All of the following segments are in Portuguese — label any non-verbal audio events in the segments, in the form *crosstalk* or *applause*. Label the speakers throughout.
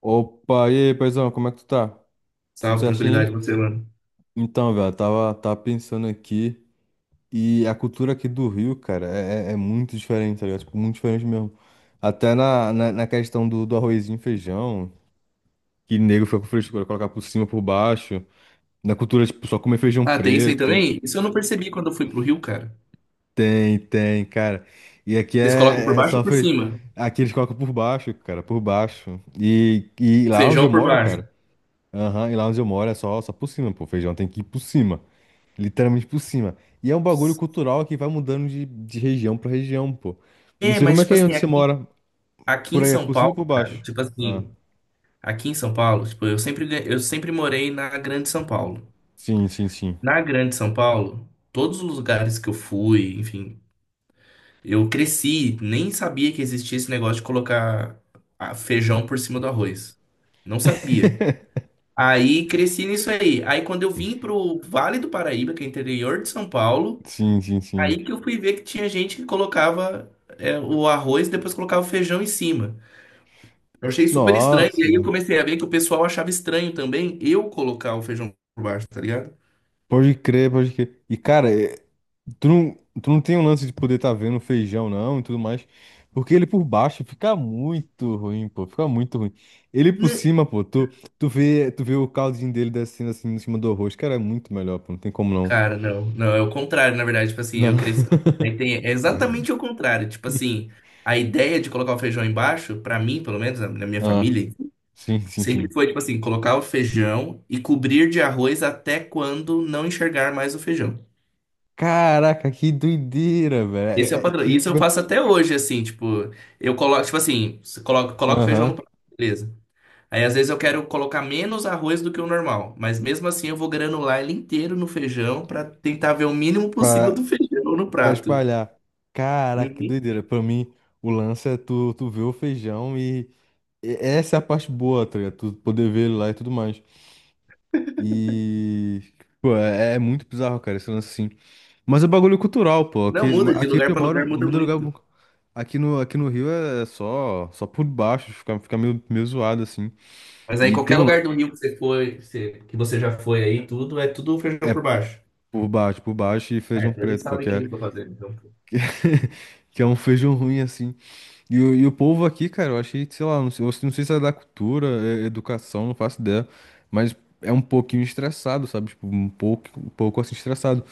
Speaker 1: Opa, e aí, paizão, como é que tu tá? Tudo
Speaker 2: Salve,
Speaker 1: certinho?
Speaker 2: tranquilidade,
Speaker 1: Aí?
Speaker 2: você, mano.
Speaker 1: Então, velho, tava pensando aqui e a cultura aqui do Rio, cara, é muito diferente, tá ligado? Tipo, muito diferente mesmo. Até na questão do arrozinho e feijão, que nego fica com frescura, colocar por cima, por baixo. Na cultura, tipo, só comer feijão
Speaker 2: Ah, tem isso aí
Speaker 1: preto.
Speaker 2: também? Isso eu não percebi quando eu fui pro Rio, cara.
Speaker 1: Tem, tem, cara. E aqui
Speaker 2: Vocês colocam por
Speaker 1: é
Speaker 2: baixo ou
Speaker 1: só
Speaker 2: por
Speaker 1: feijão.
Speaker 2: cima?
Speaker 1: Aqui eles colocam por baixo, cara, por baixo. E lá onde eu
Speaker 2: Feijão por
Speaker 1: moro,
Speaker 2: baixo.
Speaker 1: cara. Aham, e lá onde eu moro é só por cima, pô. Feijão tem que ir por cima. Literalmente por cima. E é um bagulho cultural que vai mudando de região pra região, pô. Não
Speaker 2: É,
Speaker 1: sei
Speaker 2: mas
Speaker 1: como é que
Speaker 2: tipo
Speaker 1: é
Speaker 2: assim,
Speaker 1: onde você
Speaker 2: aqui,
Speaker 1: mora.
Speaker 2: aqui
Speaker 1: Por
Speaker 2: em
Speaker 1: aí, é
Speaker 2: São
Speaker 1: por cima ou
Speaker 2: Paulo,
Speaker 1: por
Speaker 2: cara,
Speaker 1: baixo?
Speaker 2: tipo
Speaker 1: Ah,
Speaker 2: assim, aqui em São Paulo, tipo, eu sempre, eu sempre morei na Grande São Paulo.
Speaker 1: sim, sim, sim.
Speaker 2: Na Grande São Paulo, todos os lugares que eu fui, enfim, eu cresci, nem sabia que existia esse negócio de colocar ah, feijão por cima do arroz. Não sabia.
Speaker 1: *laughs*
Speaker 2: Aí cresci nisso aí. Aí quando eu vim pro Vale do Paraíba, que é interior de São Paulo,
Speaker 1: Sim, sim, sim.
Speaker 2: aí que eu fui ver que tinha gente que colocava é, o arroz e depois colocava o feijão em cima. Eu achei super estranho. E
Speaker 1: Nossa,
Speaker 2: aí eu
Speaker 1: velho.
Speaker 2: comecei a ver que o pessoal achava estranho também eu colocar o feijão por baixo, tá ligado?
Speaker 1: Pode crer, pode crer. E, cara, tu não, tu não tem um lance de poder estar vendo feijão, não, e tudo mais. Porque ele por baixo fica muito ruim, pô. Fica muito ruim. Ele por
Speaker 2: Né?
Speaker 1: cima, pô, tu vê, tu vê o caldinho dele descendo assim em cima do arroz. Cara, é muito melhor, pô. Não tem como não.
Speaker 2: Cara, não. Não, é o contrário, na verdade. Tipo assim,
Speaker 1: Não.
Speaker 2: eu cresci.
Speaker 1: *laughs*
Speaker 2: Aí tem... É exatamente o contrário. Tipo assim, a ideia de colocar o feijão embaixo, pra mim, pelo menos, na minha
Speaker 1: Ah.
Speaker 2: família
Speaker 1: Sim, sim,
Speaker 2: sempre
Speaker 1: sim.
Speaker 2: foi, tipo assim, colocar o feijão e cobrir de arroz até quando não enxergar mais o feijão.
Speaker 1: Caraca, que doideira, velho.
Speaker 2: Esse é o padrão. Isso eu faço até hoje, assim, tipo, eu coloco, tipo assim, você coloca, coloca o feijão no
Speaker 1: Aham.
Speaker 2: prato, beleza. Aí às vezes eu quero colocar menos arroz do que o normal, mas mesmo assim eu vou granular ele inteiro no feijão pra tentar ver o mínimo possível
Speaker 1: Pra,
Speaker 2: do feijão no
Speaker 1: pra
Speaker 2: prato.
Speaker 1: espalhar. Caraca, que
Speaker 2: Uhum.
Speaker 1: doideira. Pra mim, o lance é tu ver o feijão e essa é a parte boa, tá ligado? Tu poder ver ele lá e tudo mais. E... Pô, é muito bizarro, cara, esse lance assim. Mas é bagulho cultural, pô.
Speaker 2: Não
Speaker 1: Aqui,
Speaker 2: muda, de
Speaker 1: aqui onde
Speaker 2: lugar
Speaker 1: eu
Speaker 2: pra
Speaker 1: moro,
Speaker 2: lugar muda
Speaker 1: muda lugar...
Speaker 2: muito.
Speaker 1: bu- Aqui no Rio é só por baixo, fica meio zoado, assim.
Speaker 2: Mas aí
Speaker 1: E tem
Speaker 2: qualquer
Speaker 1: um lance...
Speaker 2: lugar do Rio que você foi, que você já foi aí, tudo, é tudo feijão
Speaker 1: É
Speaker 2: por baixo.
Speaker 1: por baixo e
Speaker 2: Ah,
Speaker 1: feijão
Speaker 2: então eles
Speaker 1: preto,
Speaker 2: sabem
Speaker 1: porque...
Speaker 2: o que eles estão fazendo, então.
Speaker 1: *laughs* que é um feijão ruim assim. E o povo aqui, cara, eu achei, sei lá, não sei, eu não sei se é da cultura, é educação, não faço ideia, mas é um pouquinho estressado, sabe? Tipo, um pouco assim estressado.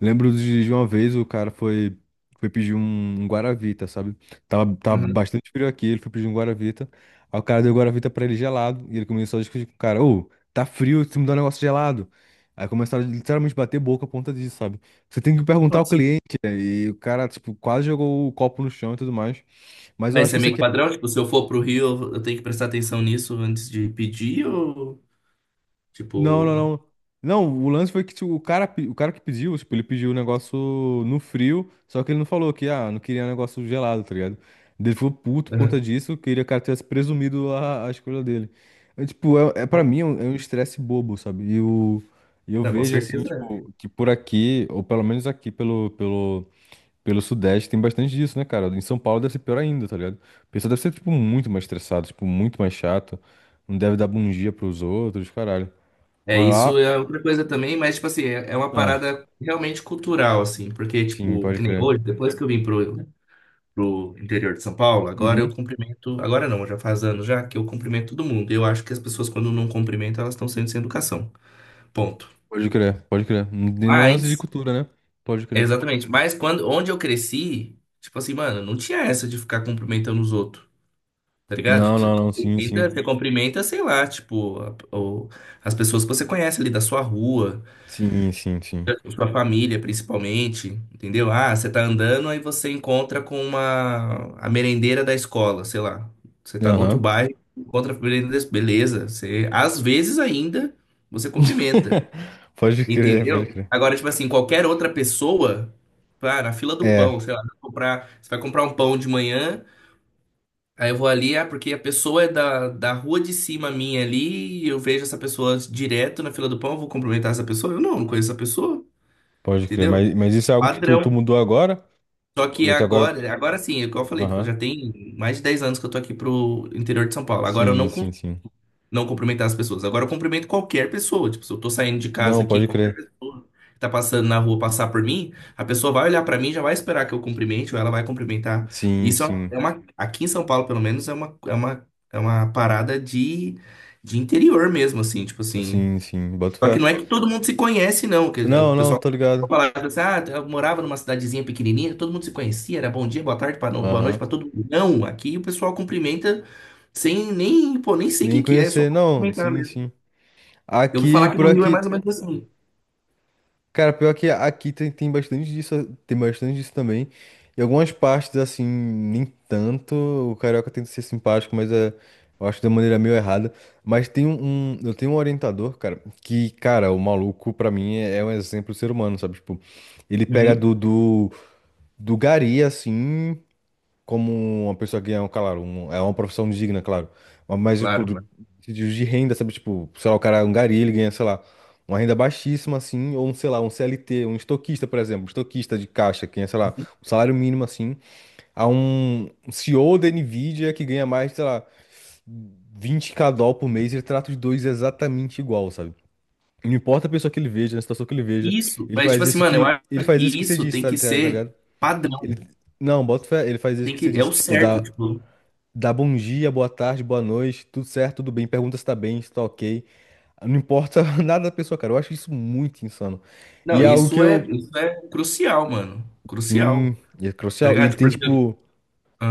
Speaker 1: Lembro de uma vez o cara foi pedir um Guaravita, sabe? Tava
Speaker 2: Uhum.
Speaker 1: bastante frio aqui, ele foi pedir um Guaravita. Aí o cara deu o Guaravita pra ele gelado, e ele começou a discutir com o cara: Ô, tá frio, você me dá um negócio gelado. Aí começaram a literalmente bater boca por conta disso, sabe? Você tem que perguntar ao
Speaker 2: Nossa.
Speaker 1: cliente, né? E o cara, tipo, quase jogou o copo no chão e tudo mais. Mas eu
Speaker 2: Mas
Speaker 1: acho
Speaker 2: isso
Speaker 1: que
Speaker 2: é
Speaker 1: isso
Speaker 2: meio que
Speaker 1: aqui.
Speaker 2: padrão? Tipo, se eu for pro Rio, eu tenho que prestar atenção nisso antes de pedir ou,
Speaker 1: Não,
Speaker 2: tipo...
Speaker 1: não, não. Não, o lance foi que tipo, o cara, o cara que pediu, tipo, ele pediu o negócio no frio, só que ele não falou que, ah, não queria um negócio gelado, tá ligado? Ele ficou puto por
Speaker 2: Uhum.
Speaker 1: conta disso, queria que o cara tivesse presumido a escolha dele. É, tipo, é pra
Speaker 2: Ó,
Speaker 1: mim é um estresse bobo, sabe? E eu
Speaker 2: não, com
Speaker 1: vejo assim,
Speaker 2: certeza
Speaker 1: tipo, que por aqui, ou pelo menos aqui pelo Sudeste tem bastante disso, né, cara? Em São Paulo deve ser pior ainda, tá ligado? O pessoal deve ser, tipo, muito mais estressado, tipo, muito mais chato. Não deve dar bom dia pros outros, caralho.
Speaker 2: é. É,
Speaker 1: Mas lá.
Speaker 2: isso é outra coisa também, mas, tipo assim, é uma
Speaker 1: Ah,
Speaker 2: parada realmente cultural, assim, porque,
Speaker 1: sim,
Speaker 2: tipo,
Speaker 1: pode
Speaker 2: que nem
Speaker 1: crer.
Speaker 2: hoje, depois que eu vim pro, pro interior de São Paulo, agora eu
Speaker 1: Uhum.
Speaker 2: cumprimento, agora não, já faz anos já que eu cumprimento todo mundo. Eu acho que as pessoas, quando não cumprimentam, elas estão sendo sem educação. Ponto.
Speaker 1: Pode crer, pode crer. Não tem nem lance de
Speaker 2: Mas
Speaker 1: cultura, né? Pode crer.
Speaker 2: exatamente. Mas quando, onde eu cresci, tipo assim, mano, não tinha essa de ficar cumprimentando os outros, tá ligado?
Speaker 1: Não,
Speaker 2: Tipo,
Speaker 1: não, não, sim, sim.
Speaker 2: você cumprimenta, sei lá, tipo, as pessoas que você conhece ali da sua rua,
Speaker 1: Sim, sim, sim.
Speaker 2: da sua família principalmente, entendeu? Ah, você tá andando, aí você encontra com uma, a merendeira da escola, sei lá. Você tá no outro
Speaker 1: Aham.
Speaker 2: bairro, encontra a merendeira, beleza. Você, às vezes ainda, você cumprimenta.
Speaker 1: *laughs* Pode crer, pode
Speaker 2: Entendeu?
Speaker 1: crer.
Speaker 2: Agora, tipo assim, qualquer outra pessoa, pá, na fila do
Speaker 1: É,
Speaker 2: pão, sei lá, vai comprar, você vai comprar um pão de manhã, aí eu vou ali, ah, porque a pessoa é da rua de cima minha ali, e eu vejo essa pessoa direto na fila do pão, eu vou cumprimentar essa pessoa? Eu não conheço essa pessoa,
Speaker 1: pode crer.
Speaker 2: entendeu?
Speaker 1: Mas isso é algo que tu
Speaker 2: Padrão.
Speaker 1: mudou agora?
Speaker 2: Só que
Speaker 1: Ou tu agora.
Speaker 2: agora, agora sim, é o que eu falei, tipo,
Speaker 1: Aham.
Speaker 2: já tem mais de 10 anos que eu tô aqui pro interior de São Paulo. Agora eu
Speaker 1: Sim,
Speaker 2: não
Speaker 1: sim,
Speaker 2: con-
Speaker 1: sim.
Speaker 2: não cumprimentar as pessoas. Agora eu cumprimento qualquer pessoa. Tipo, se eu tô saindo de casa
Speaker 1: Não,
Speaker 2: aqui,
Speaker 1: pode
Speaker 2: qualquer
Speaker 1: crer.
Speaker 2: pessoa que tá passando na rua passar por mim, a pessoa vai olhar pra mim, e já vai esperar que eu cumprimente, ou ela vai cumprimentar.
Speaker 1: Sim,
Speaker 2: Isso é
Speaker 1: sim.
Speaker 2: aqui em São Paulo, pelo menos, é uma parada de interior mesmo, assim, tipo assim.
Speaker 1: Sim, sim, boto
Speaker 2: Só que
Speaker 1: fé.
Speaker 2: não é que todo mundo se conhece, não. Que o
Speaker 1: Não, não,
Speaker 2: pessoal
Speaker 1: tô ligado.
Speaker 2: falava assim, ah, eu morava numa cidadezinha pequenininha, todo mundo se conhecia, era bom dia, boa tarde, boa noite
Speaker 1: Aham.
Speaker 2: para todo mundo. Não, aqui o pessoal cumprimenta sem nem, pô, nem sei
Speaker 1: Nem
Speaker 2: quem que é, é só
Speaker 1: conhecer, não,
Speaker 2: cumprimentar
Speaker 1: sim,
Speaker 2: mesmo.
Speaker 1: sim.
Speaker 2: Eu ouvi
Speaker 1: Aqui,
Speaker 2: falar que
Speaker 1: por
Speaker 2: no Rio é mais
Speaker 1: aqui.
Speaker 2: ou menos assim.
Speaker 1: Cara, pior que aqui tem bastante disso, tem bastante disso também. Em algumas partes, assim, nem tanto. O carioca tenta ser simpático, mas eu acho de uma maneira meio errada. Mas tem eu tenho um orientador, cara, que, cara, o maluco, pra mim, é um exemplo de ser humano, sabe? Tipo, ele pega
Speaker 2: Uhum,
Speaker 1: do gari, assim. Como uma pessoa ganha, claro, é uma profissão digna, claro. Mas, tipo,
Speaker 2: claro,
Speaker 1: de
Speaker 2: claro.
Speaker 1: de de renda, sabe? Tipo, sei lá, o cara é um gari, ele ganha, sei lá, uma renda baixíssima, assim, ou um, sei lá, um CLT, um estoquista, por exemplo, um estoquista de caixa, que ganha, sei lá,
Speaker 2: Uhum.
Speaker 1: um salário mínimo, assim, a um CEO da Nvidia que ganha mais, sei lá, 20K dólar por mês, ele trata os dois exatamente igual, sabe? Não importa a pessoa que ele veja, a situação que ele veja,
Speaker 2: Isso,
Speaker 1: ele
Speaker 2: mas tipo
Speaker 1: faz
Speaker 2: assim,
Speaker 1: isso
Speaker 2: mano, eu
Speaker 1: que, ele
Speaker 2: acho que
Speaker 1: faz isso que você
Speaker 2: isso
Speaker 1: disse,
Speaker 2: tem
Speaker 1: tá,
Speaker 2: que
Speaker 1: tá tá
Speaker 2: ser
Speaker 1: ligado?
Speaker 2: padrão,
Speaker 1: Ele- não, bota fé, ele faz isso
Speaker 2: tem
Speaker 1: que você
Speaker 2: que, é o
Speaker 1: disse, tipo,
Speaker 2: certo,
Speaker 1: dá
Speaker 2: tipo.
Speaker 1: Dá bom dia, boa tarde, boa noite, tudo certo, tudo bem, pergunta se tá bem, se tá ok. Não importa *laughs* nada da pessoa, cara. Eu acho isso muito insano. E
Speaker 2: Não,
Speaker 1: é algo que eu.
Speaker 2: isso é crucial, mano,
Speaker 1: Sim,
Speaker 2: crucial,
Speaker 1: é
Speaker 2: tá
Speaker 1: crucial. E ele
Speaker 2: ligado?
Speaker 1: tem,
Speaker 2: Porque...
Speaker 1: tipo.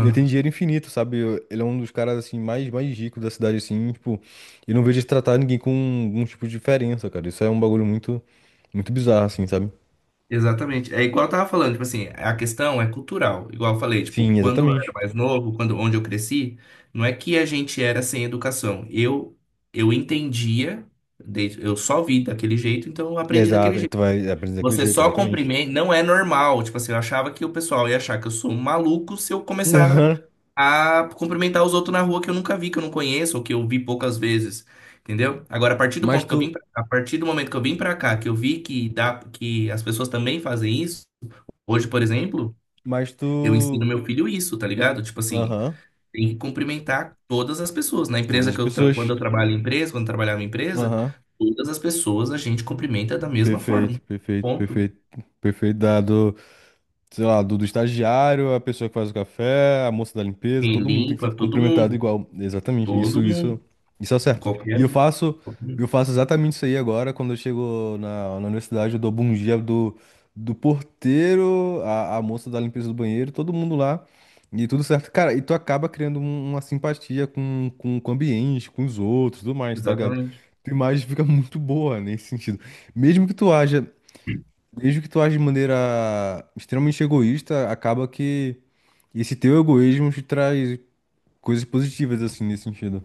Speaker 1: Ele tem dinheiro infinito, sabe? Ele é um dos caras, assim, mais ricos da cidade, assim, tipo. E não vejo ele tratar ninguém com algum tipo de diferença, cara. Isso é um bagulho muito. Muito bizarro, assim, sabe?
Speaker 2: Exatamente. É igual eu tava falando, tipo assim, a questão é cultural. Igual eu falei, tipo,
Speaker 1: Sim,
Speaker 2: quando eu era
Speaker 1: exatamente.
Speaker 2: mais novo, quando onde eu cresci, não é que a gente era sem educação. Eu entendia, eu só vi daquele jeito, então eu aprendi daquele
Speaker 1: Exato. e
Speaker 2: jeito.
Speaker 1: Tu vai aprender daquele
Speaker 2: Você
Speaker 1: jeito,
Speaker 2: só
Speaker 1: exatamente.
Speaker 2: cumprimenta, não é normal. Tipo assim, eu achava que o pessoal ia achar que eu sou um maluco se eu
Speaker 1: *laughs*
Speaker 2: começar
Speaker 1: Aham.
Speaker 2: a cumprimentar os outros na rua que eu nunca vi, que eu não conheço, ou que eu vi poucas vezes. Entendeu? Agora, a partir do
Speaker 1: Mas
Speaker 2: ponto que eu vim
Speaker 1: tu.
Speaker 2: pra, a partir do momento que eu vim pra cá, que eu vi que dá, que as pessoas também fazem isso. Hoje, por exemplo,
Speaker 1: Mas
Speaker 2: eu ensino
Speaker 1: tu.
Speaker 2: meu filho isso, tá ligado? Tipo assim,
Speaker 1: Aham.
Speaker 2: tem que cumprimentar todas as pessoas. Na
Speaker 1: Todas
Speaker 2: empresa
Speaker 1: as
Speaker 2: que eu, quando
Speaker 1: pessoas.
Speaker 2: eu trabalho em empresa, quando eu trabalhava em empresa,
Speaker 1: Aham.
Speaker 2: todas as pessoas a gente cumprimenta da mesma forma.
Speaker 1: Perfeito, perfeito,
Speaker 2: Ponto.
Speaker 1: perfeito, perfeito dado sei lá, do estagiário, a pessoa que faz o café, a moça da limpeza,
Speaker 2: Quem
Speaker 1: todo mundo tem que ser
Speaker 2: limpa, todo
Speaker 1: cumprimentado
Speaker 2: mundo.
Speaker 1: igual. Exatamente.
Speaker 2: Todo
Speaker 1: Isso,
Speaker 2: mundo.
Speaker 1: isso é certo. E
Speaker 2: Qualquer
Speaker 1: eu
Speaker 2: um,
Speaker 1: faço,
Speaker 2: qualquer
Speaker 1: eu
Speaker 2: um.
Speaker 1: faço exatamente isso aí agora, quando eu chego na universidade, eu dou bom dia do porteiro, a moça da limpeza do banheiro, todo mundo lá. E tudo certo. Cara, e tu acaba criando uma simpatia com o ambiente, com os outros, tudo mais, tá ligado?
Speaker 2: Exatamente.
Speaker 1: Tua imagem fica muito boa nesse sentido. Mesmo que tu haja Desde que tu age de maneira extremamente egoísta, acaba que esse teu egoísmo te traz coisas positivas, assim, nesse sentido.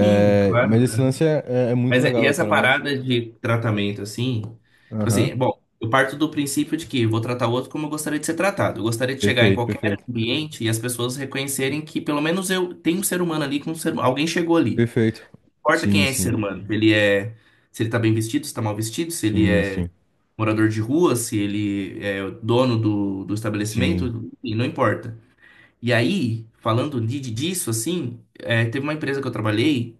Speaker 2: Sim,
Speaker 1: mas
Speaker 2: claro,
Speaker 1: esse
Speaker 2: né?
Speaker 1: lance é muito
Speaker 2: E
Speaker 1: legal,
Speaker 2: essa
Speaker 1: cara, mas...
Speaker 2: parada de tratamento, assim, tipo
Speaker 1: Aham.
Speaker 2: assim, bom, eu parto do princípio de que eu vou tratar o outro como eu gostaria de ser tratado. Eu gostaria de chegar em
Speaker 1: Perfeito,
Speaker 2: qualquer
Speaker 1: perfeito.
Speaker 2: ambiente e as pessoas reconhecerem que pelo menos eu tenho um ser humano ali com um ser, alguém chegou ali.
Speaker 1: Perfeito.
Speaker 2: Não importa quem
Speaker 1: Sim,
Speaker 2: é esse ser
Speaker 1: sim.
Speaker 2: humano. Ele é, se ele tá bem vestido, se tá mal vestido, se ele
Speaker 1: Sim,
Speaker 2: é
Speaker 1: sim.
Speaker 2: morador de rua, se ele é o dono do, do
Speaker 1: Sim.
Speaker 2: estabelecimento, e não importa. E aí, disso, assim, é, teve uma empresa que eu trabalhei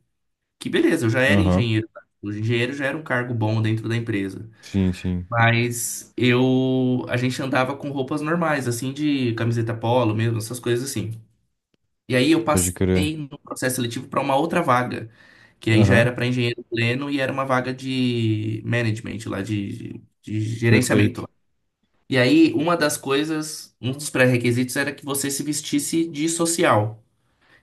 Speaker 2: que, beleza, eu já era
Speaker 1: Aham.
Speaker 2: engenheiro, tá? O engenheiro já era um cargo bom dentro da empresa.
Speaker 1: Sim, sim.
Speaker 2: Mas eu, a gente andava com roupas normais, assim, de camiseta polo mesmo, essas coisas assim. E aí eu
Speaker 1: Pode crer.
Speaker 2: passei no processo seletivo para uma outra vaga, que aí já
Speaker 1: Aham.
Speaker 2: era para engenheiro pleno e era uma vaga de management lá, de gerenciamento
Speaker 1: Perfeito.
Speaker 2: lá. E aí, uma das coisas, um dos pré-requisitos era que você se vestisse de social.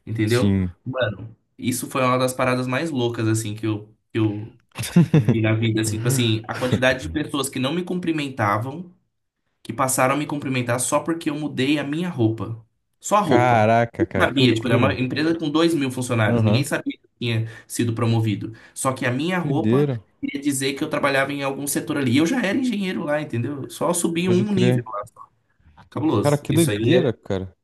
Speaker 2: Entendeu?
Speaker 1: Sim.
Speaker 2: Mano, isso foi uma das paradas mais loucas, assim, que eu vi na
Speaker 1: *laughs*
Speaker 2: vida, assim, tipo assim, a quantidade de pessoas que não me cumprimentavam, que passaram a me cumprimentar só porque eu mudei a minha roupa. Só a roupa.
Speaker 1: Caraca,
Speaker 2: Ninguém
Speaker 1: cara, que
Speaker 2: sabia, tipo, era uma
Speaker 1: loucura.
Speaker 2: empresa com 2.000 funcionários, ninguém
Speaker 1: Aham.
Speaker 2: sabia que eu tinha sido promovido. Só que a minha roupa
Speaker 1: Doideira.
Speaker 2: queria dizer que eu trabalhava em algum setor ali. E eu já era engenheiro lá, entendeu? Só subi
Speaker 1: Pode
Speaker 2: um nível
Speaker 1: crer.
Speaker 2: lá.
Speaker 1: Cara,
Speaker 2: Cabuloso.
Speaker 1: que
Speaker 2: Isso aí
Speaker 1: doideira,
Speaker 2: é
Speaker 1: cara.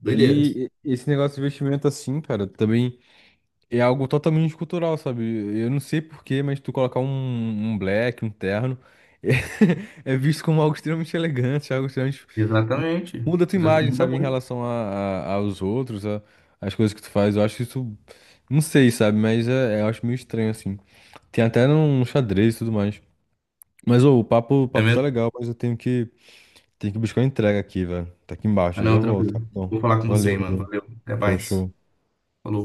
Speaker 2: doideira.
Speaker 1: E esse negócio de investimento assim, cara, também é algo totalmente cultural, sabe? Eu não sei porquê, mas tu colocar um black, um terno, *laughs* é visto como algo extremamente elegante, algo extremamente...
Speaker 2: Exatamente.
Speaker 1: Muda a tua
Speaker 2: Exatamente.
Speaker 1: imagem,
Speaker 2: Muda
Speaker 1: sabe, em
Speaker 2: muito.
Speaker 1: relação aos outros, às coisas que tu faz. Eu acho isso, não sei, sabe, mas eu acho meio estranho, assim. Tem até no xadrez e tudo mais. Mas, ô, o papo, o
Speaker 2: É
Speaker 1: papo tá
Speaker 2: mesmo.
Speaker 1: legal, mas eu tenho que buscar uma entrega aqui, velho. Tá aqui
Speaker 2: Ah,
Speaker 1: embaixo, eu já
Speaker 2: não,
Speaker 1: volto.
Speaker 2: tranquilo.
Speaker 1: Então,
Speaker 2: Vou falar com você,
Speaker 1: valeu,
Speaker 2: mano.
Speaker 1: valeu.
Speaker 2: Valeu. Até
Speaker 1: Show,
Speaker 2: mais.
Speaker 1: show.
Speaker 2: Falou.